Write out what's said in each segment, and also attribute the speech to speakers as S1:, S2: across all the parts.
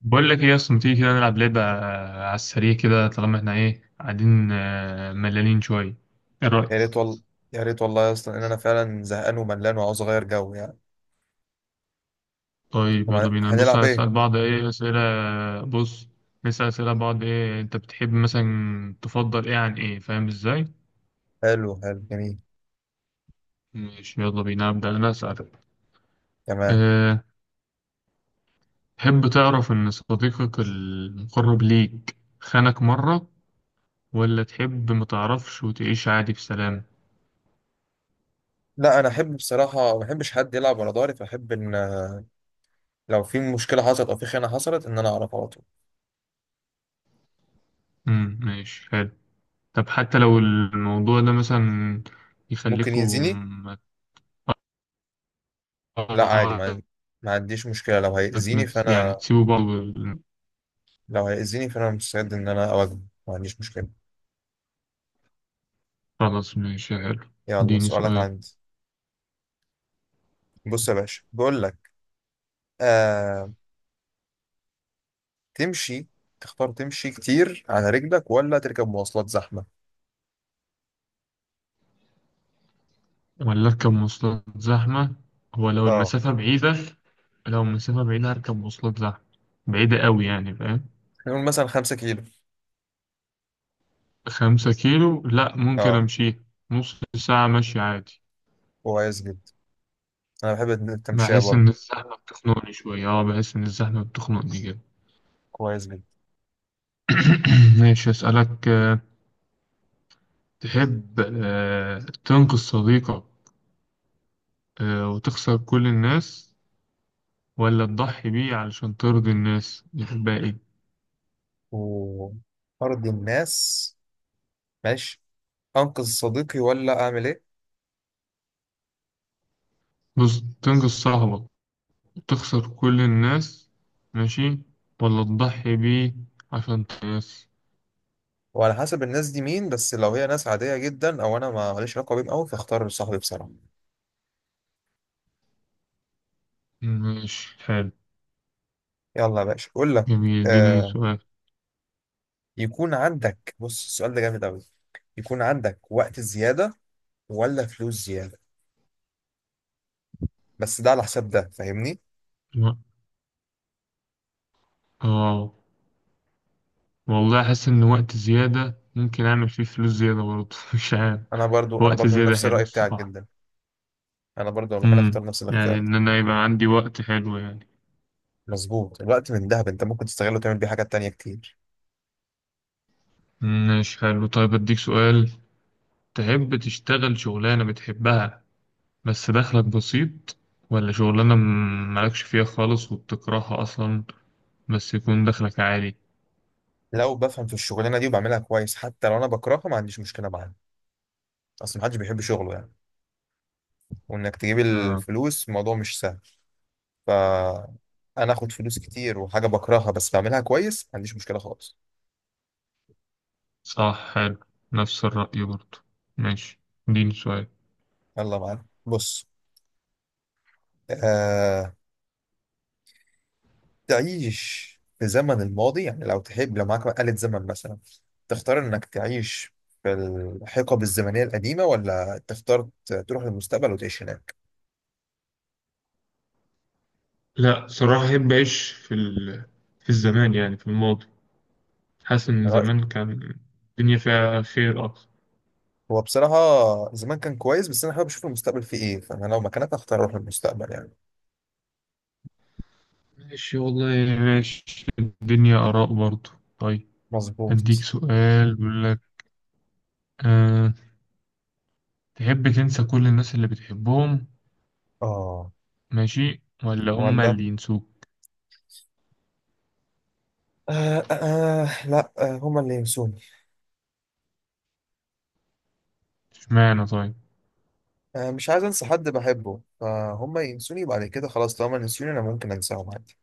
S1: بقول لك ايه اصلا تيجي كده نلعب لعبة على السريع كده. طالما احنا ايه قاعدين، ملانين شوية. ايه رأيك؟
S2: يا ريت والله يا ريت والله يا اسطى ان انا فعلا زهقان وملان وعاوز اغير جو يعني.
S1: طيب يلا
S2: طب
S1: بينا نبص،
S2: هنلعب ايه؟
S1: هنسأل بعض ايه أسئلة. بص، نسأل أسئلة بعض. ايه انت بتحب مثلا، تفضل ايه عن ايه، فاهم ازاي؟
S2: حلو حلو جميل.
S1: ماشي، يلا بينا أبدأ أنا أسألك.
S2: تمام.
S1: أه تحب تعرف إن صديقك المقرب ليك خانك مرة، ولا تحب متعرفش وتعيش عادي بسلام؟
S2: لا، انا احب بصراحه ما بحبش حد يلعب ورا ظهري فاحب ان لو في مشكله حصلت او في خيانه حصلت ان انا اعرف على طول.
S1: مم، ماشي حلو. طب حتى لو الموضوع ده مثلا
S2: ممكن
S1: يخليكوا
S2: يأذيني.
S1: ما
S2: لا عادي ما عنديش مشكله لو هيأذيني
S1: يعني
S2: فانا
S1: تسيبوا بعض
S2: مستعد ان انا اواجهه. ما عنديش مشكله.
S1: خلاص، ماشي حلو،
S2: يلا
S1: اديني
S2: سؤالك
S1: سؤال.
S2: عندي. بص يا باشا بقول لك. آه... تمشي. تختار تمشي كتير على رجلك ولا تركب مواصلات زحمه؟
S1: ولا اركب مواصلات زحمة. هو
S2: اه.
S1: لو المسافة بعيدة هركب مواصلات زحمة. بعيدة قوي يعني، فاهم.
S2: نقول مثلا 5 كيلو.
S1: 5 كيلو لا، ممكن
S2: اه
S1: امشيها. نص ساعة مشي عادي.
S2: كويس جدا. انا بحب التمشية برضه.
S1: بحس ان الزحمة بتخنقني جدا.
S2: كويس جدا.
S1: ماشي، اسألك. تحب تنقذ صديقك وتخسر كل الناس، ولا تضحي بيه علشان ترضي الناس، يحبها ايه؟
S2: وارض الناس. ماشي. انقذ صديقي ولا اعمل ايه؟
S1: بص، تنقذ صاحبك وتخسر كل الناس، ماشي، ولا تضحي بيه عشان ترضي الناس.
S2: وعلى حسب الناس دي مين، بس لو هي ناس عادية جدا او انا ما ماليش علاقة بيهم قوي فاختار صاحبي بصراحة.
S1: ماشي حلو،
S2: يلا يا باشا اقول لك.
S1: جميل، اديني
S2: آه.
S1: سؤال.
S2: يكون عندك، بص السؤال ده جامد قوي. يكون عندك وقت زيادة ولا فلوس زيادة؟ بس ده على حساب ده، فاهمني؟
S1: لا. اه، والله احس ان وقت زيادة ممكن اعمل فيه فلوس زيادة برضه. مش عارف.
S2: انا برضو انا
S1: وقت
S2: برضو من
S1: زيادة
S2: نفس
S1: حلو
S2: الرأي بتاعك
S1: الصراحة.
S2: جدا. انا برضو لو مكان
S1: امم
S2: اختار نفس
S1: يعني
S2: الاختيار.
S1: ان انا يبقى عندي وقت حلو يعني.
S2: مظبوط، الوقت من دهب، انت ممكن تستغله وتعمل بيه حاجات تانية كتير.
S1: ماشي حلو، طيب أديك سؤال. تحب تشتغل شغلانة بتحبها بس دخلك بسيط، ولا شغلانة مالكش فيها خالص وبتكرهها أصلا بس يكون دخلك عالي؟
S2: لو بفهم في الشغلانه دي وبعملها كويس حتى لو انا بكرهها ما عنديش مشكله معاها. اصل محدش بيحب شغله يعني. وانك تجيب
S1: آه،
S2: الفلوس الموضوع مش سهل. ف انا اخد فلوس كتير وحاجه بكرهها بس بعملها كويس، ما عنديش مشكله خالص.
S1: صح، حلو، نفس الرأي برضه. ماشي، اديني سؤال.
S2: يلا معانا بص. آه... تعيش في زمن الماضي، يعني لو تحب، لو معاك آلة زمن مثلا، تختار انك تعيش في الحقب الزمنيه القديمه ولا تختار تروح للمستقبل وتعيش هناك؟
S1: لا صراحة أحب أعيش في في الزمان، يعني في الماضي. حاسس إن زمان كان الدنيا فيها خير أكتر.
S2: هو بصراحة زمان كان كويس بس أنا حابب أشوف المستقبل فيه إيه، فأنا لو مكانك أختار أروح للمستقبل يعني.
S1: ماشي والله، ماشي، الدنيا آراء برضه. طيب، أديك
S2: مظبوط.
S1: سؤال بيقول لك، آه، تحب تنسى كل الناس اللي بتحبهم،
S2: اه.
S1: ماشي، ولا هما
S2: ولا.
S1: اللي ينسوك؟
S2: آه آه آه، لا، هما اللي ينسوني.
S1: اشمعنى طيب؟
S2: مش عايز أنسى حد بحبه، فهما ينسوني بعد كده خلاص، طالما ينسوني أنا ممكن أنساهم عادي.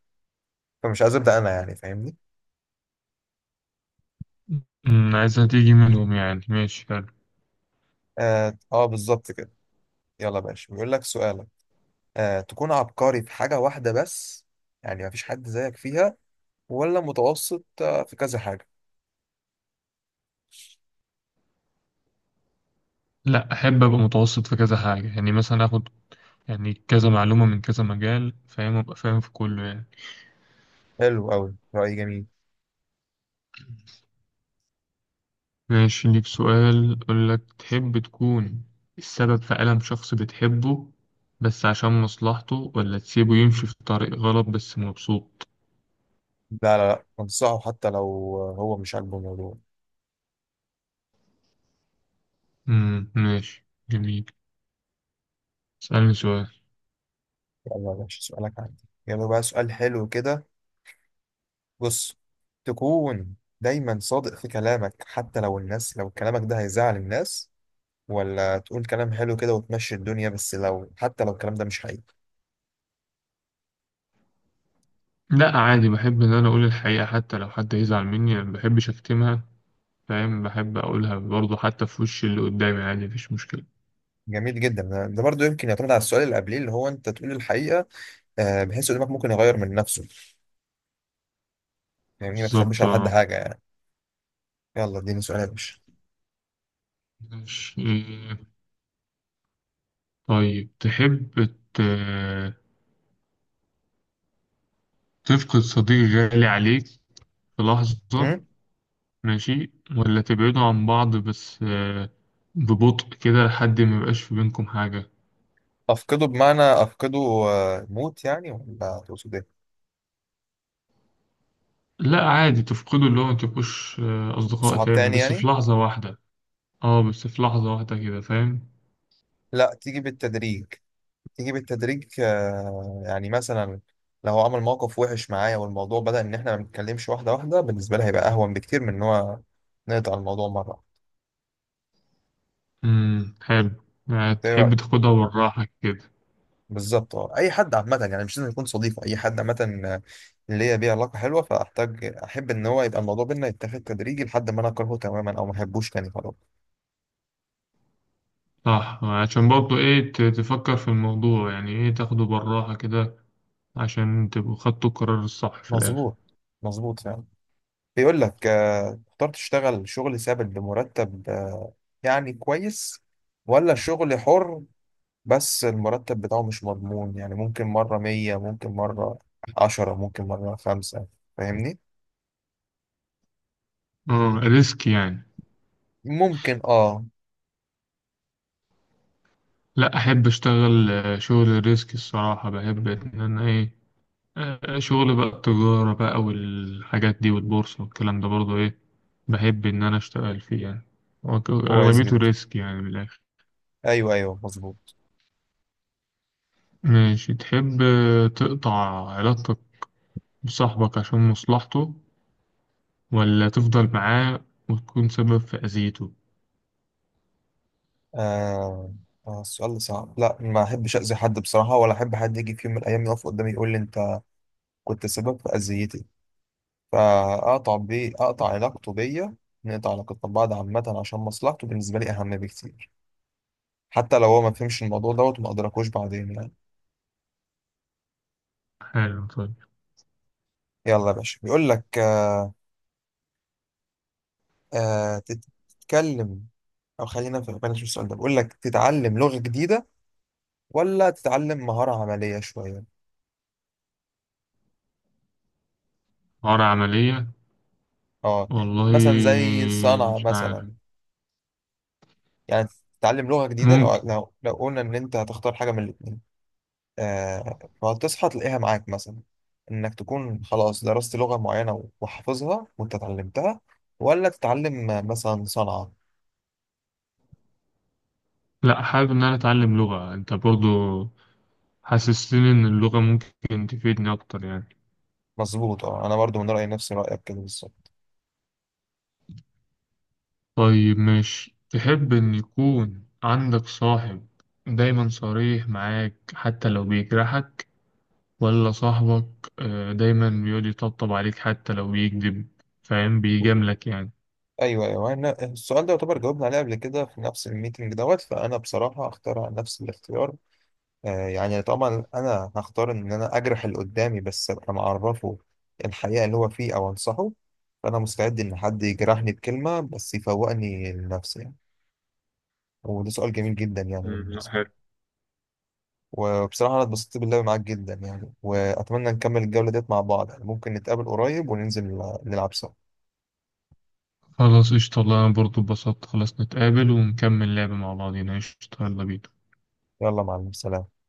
S2: فمش عايز أبدأ أنا، يعني فاهمني؟
S1: عايزها تيجي منهم يعني. ماشي حلو.
S2: آه, آه بالظبط كده. يلا يا باشا بيقول لك سؤالك. آه، تكون عبقري في حاجة واحدة بس، يعني مفيش حد زيك فيها، ولا متوسط في كذا حاجة؟
S1: لا أحب أبقى متوسط في كذا حاجة، يعني مثلا آخد يعني كذا معلومة من كذا مجال، فاهم، أبقى فاهم في كله يعني.
S2: حلو أوي، رأي جميل.
S1: ماشي، ليك سؤال أقول لك، تحب تكون السبب في ألم شخص بتحبه بس عشان مصلحته، ولا تسيبه يمشي في طريق غلط بس مبسوط؟
S2: لا لا لا انصحه حتى لو هو مش عاجبه الموضوع.
S1: ماشي، جميل، اسألني سؤال.
S2: يلا يا باشا سؤالك عندي، يلا بقى سؤال حلو كده. بص، تكون دايما صادق في كلامك حتى لو الناس، لو كلامك ده هيزعل الناس، ولا تقول كلام حلو كده وتمشي الدنيا بس لو حتى لو الكلام ده مش حقيقي؟
S1: لا عادي، بحب ان انا اقول الحقيقة حتى لو حد يزعل مني يعني، ما بحبش اكتمها. فاهم، بحب اقولها برضه حتى في وش اللي قدامي عادي، مفيش مشكلة.
S2: جميل جدا، ده برضو يمكن يعتمد على السؤال اللي قبليه، اللي هو انت تقول الحقيقة بحيث قدامك ممكن يغير من نفسه. يعني ما تخبيش
S1: بالظبط
S2: على حد
S1: اه.
S2: حاجة يعني. يلا اديني سؤال يا باشا.
S1: ماشي، طيب تحب ت... تفقد صديق غالي عليك في لحظة،
S2: مم؟
S1: ماشي، ولا تبعدوا عن بعض بس ببطء كده لحد ما يبقاش في بينكم حاجة؟
S2: أفقده بمعنى أفقده موت يعني ولا تقصد إيه؟
S1: لا عادي، تفقدوا اللي هو ما تبقوش أصدقاء
S2: صحاب
S1: تاني
S2: تاني
S1: بس
S2: يعني.
S1: في لحظة واحدة. اه، بس في لحظة واحدة كده فاهم.
S2: لا تيجي بالتدريج. يعني مثلا لو هو عمل موقف وحش معايا والموضوع بدأ ان احنا ما بنتكلمش واحده واحده بالنسبه لها هيبقى اهون بكتير من ان هو نقطع الموضوع مره.
S1: امم، حلو، يعني
S2: انت ايه
S1: تحب
S2: رايك؟
S1: تاخدها بالراحة كده.
S2: بالظبط اه، اي حد عامه يعني مش لازم يكون صديق، اي حد عامه آه، اللي هي بيه علاقه حلوه فاحتاج احب ان هو يبقى الموضوع بينا يتاخد تدريجي لحد ما انا اكرهه تماما او ما احبوش تاني خلاص.
S1: صح، عشان برضه ايه تفكر في الموضوع يعني ايه، تاخده بالراحة كده عشان تبقوا خدتوا القرار الصح في الآخر.
S2: مظبوط. مظبوط فعلا. بيقول لك تختار تشتغل شغل ثابت بمرتب يعني كويس، ولا شغل حر بس المرتب بتاعه مش مضمون، يعني ممكن مرة 100 ممكن مرة 10 ممكن مرة 5، فاهمني؟
S1: اه، ريسك يعني.
S2: ممكن اه.
S1: لا أحب أشتغل شغل ريسك الصراحة، بحب إن أنا ايه، شغل بقى التجارة بقى والحاجات دي والبورصة والكلام ده برضه ايه، بحب إن أنا أشتغل فيه يعني. هو
S2: كويس
S1: أغلبيته
S2: جدا.
S1: ريسك يعني من الآخر.
S2: ايوه ايوه مظبوط.
S1: ماشي، تحب تقطع علاقتك بصاحبك عشان مصلحته، ولا تفضل معاه وتكون سبب في أذيته؟
S2: آه. آه السؤال ده صعب. لا ما احبش اذي حد بصراحة ولا احب حد يجي في يوم من الايام يقف قدامي يقول لي انت كنت سبب في اذيتي. فاقطع بيه، اقطع علاقته بيا، نقطع علاقتنا ببعض عامة، عشان مصلحته بالنسبة لي اهم بكتير حتى لو هو ما فهمش الموضوع دوت وما ادركوش بعدين يعني.
S1: حلو، طيب.
S2: يلا يا باشا بيقول لك آه. آه، تت- تتكلم او خلينا في بلاش، السؤال ده بيقول لك تتعلم لغة جديدة ولا تتعلم مهارة عملية شوية؟
S1: عار عملية،
S2: اه
S1: والله
S2: مثلا زي الصنعة
S1: مش عارف،
S2: مثلا يعني. تتعلم لغة جديدة
S1: ممكن.
S2: لو قلنا ان انت هتختار حاجة من الاتنين، آه فهتصحى تلاقيها معاك مثلا انك تكون خلاص درست لغة معينة وحافظها وانت اتعلمتها، ولا تتعلم مثلا صنعة؟
S1: لا حابب إن أنا أتعلم لغة، أنت برضو حسستني إن اللغة ممكن تفيدني أكتر يعني.
S2: مظبوط اه، انا برضو من رأيي نفس رأيك كده بالظبط.
S1: طيب ماشي، تحب إن يكون عندك صاحب دايما صريح معاك حتى لو بيجرحك، ولا صاحبك دايما بيقعد يطبطب عليك حتى لو بيكذب، فاهم، بيجاملك يعني؟
S2: ايوه ايوه، أنا السؤال ده يعتبر جاوبنا عليه قبل كده في نفس الميتنج دوت، فانا بصراحه هختار على نفس الاختيار. آه يعني طبعا انا هختار ان انا اجرح اللي قدامي بس ابقى معرفه الحقيقه اللي هو فيه او انصحه. فانا مستعد ان حد يجرحني بكلمه بس يفوقني لنفسي يعني. وده سؤال جميل جدا يعني
S1: مم،
S2: بالمناسبه.
S1: لا،
S2: وبصراحه انا اتبسطت باللعب معاك جدا يعني، واتمنى نكمل الجوله ديت مع بعض يعني، ممكن نتقابل قريب وننزل نلعب سوا.
S1: خلاص قشطة والله. أنا برضه اتبسطت. خلاص نتقابل ونكمل لعب مع بعضينا، قشطة، يلا بينا.
S2: يلا مع السلامه.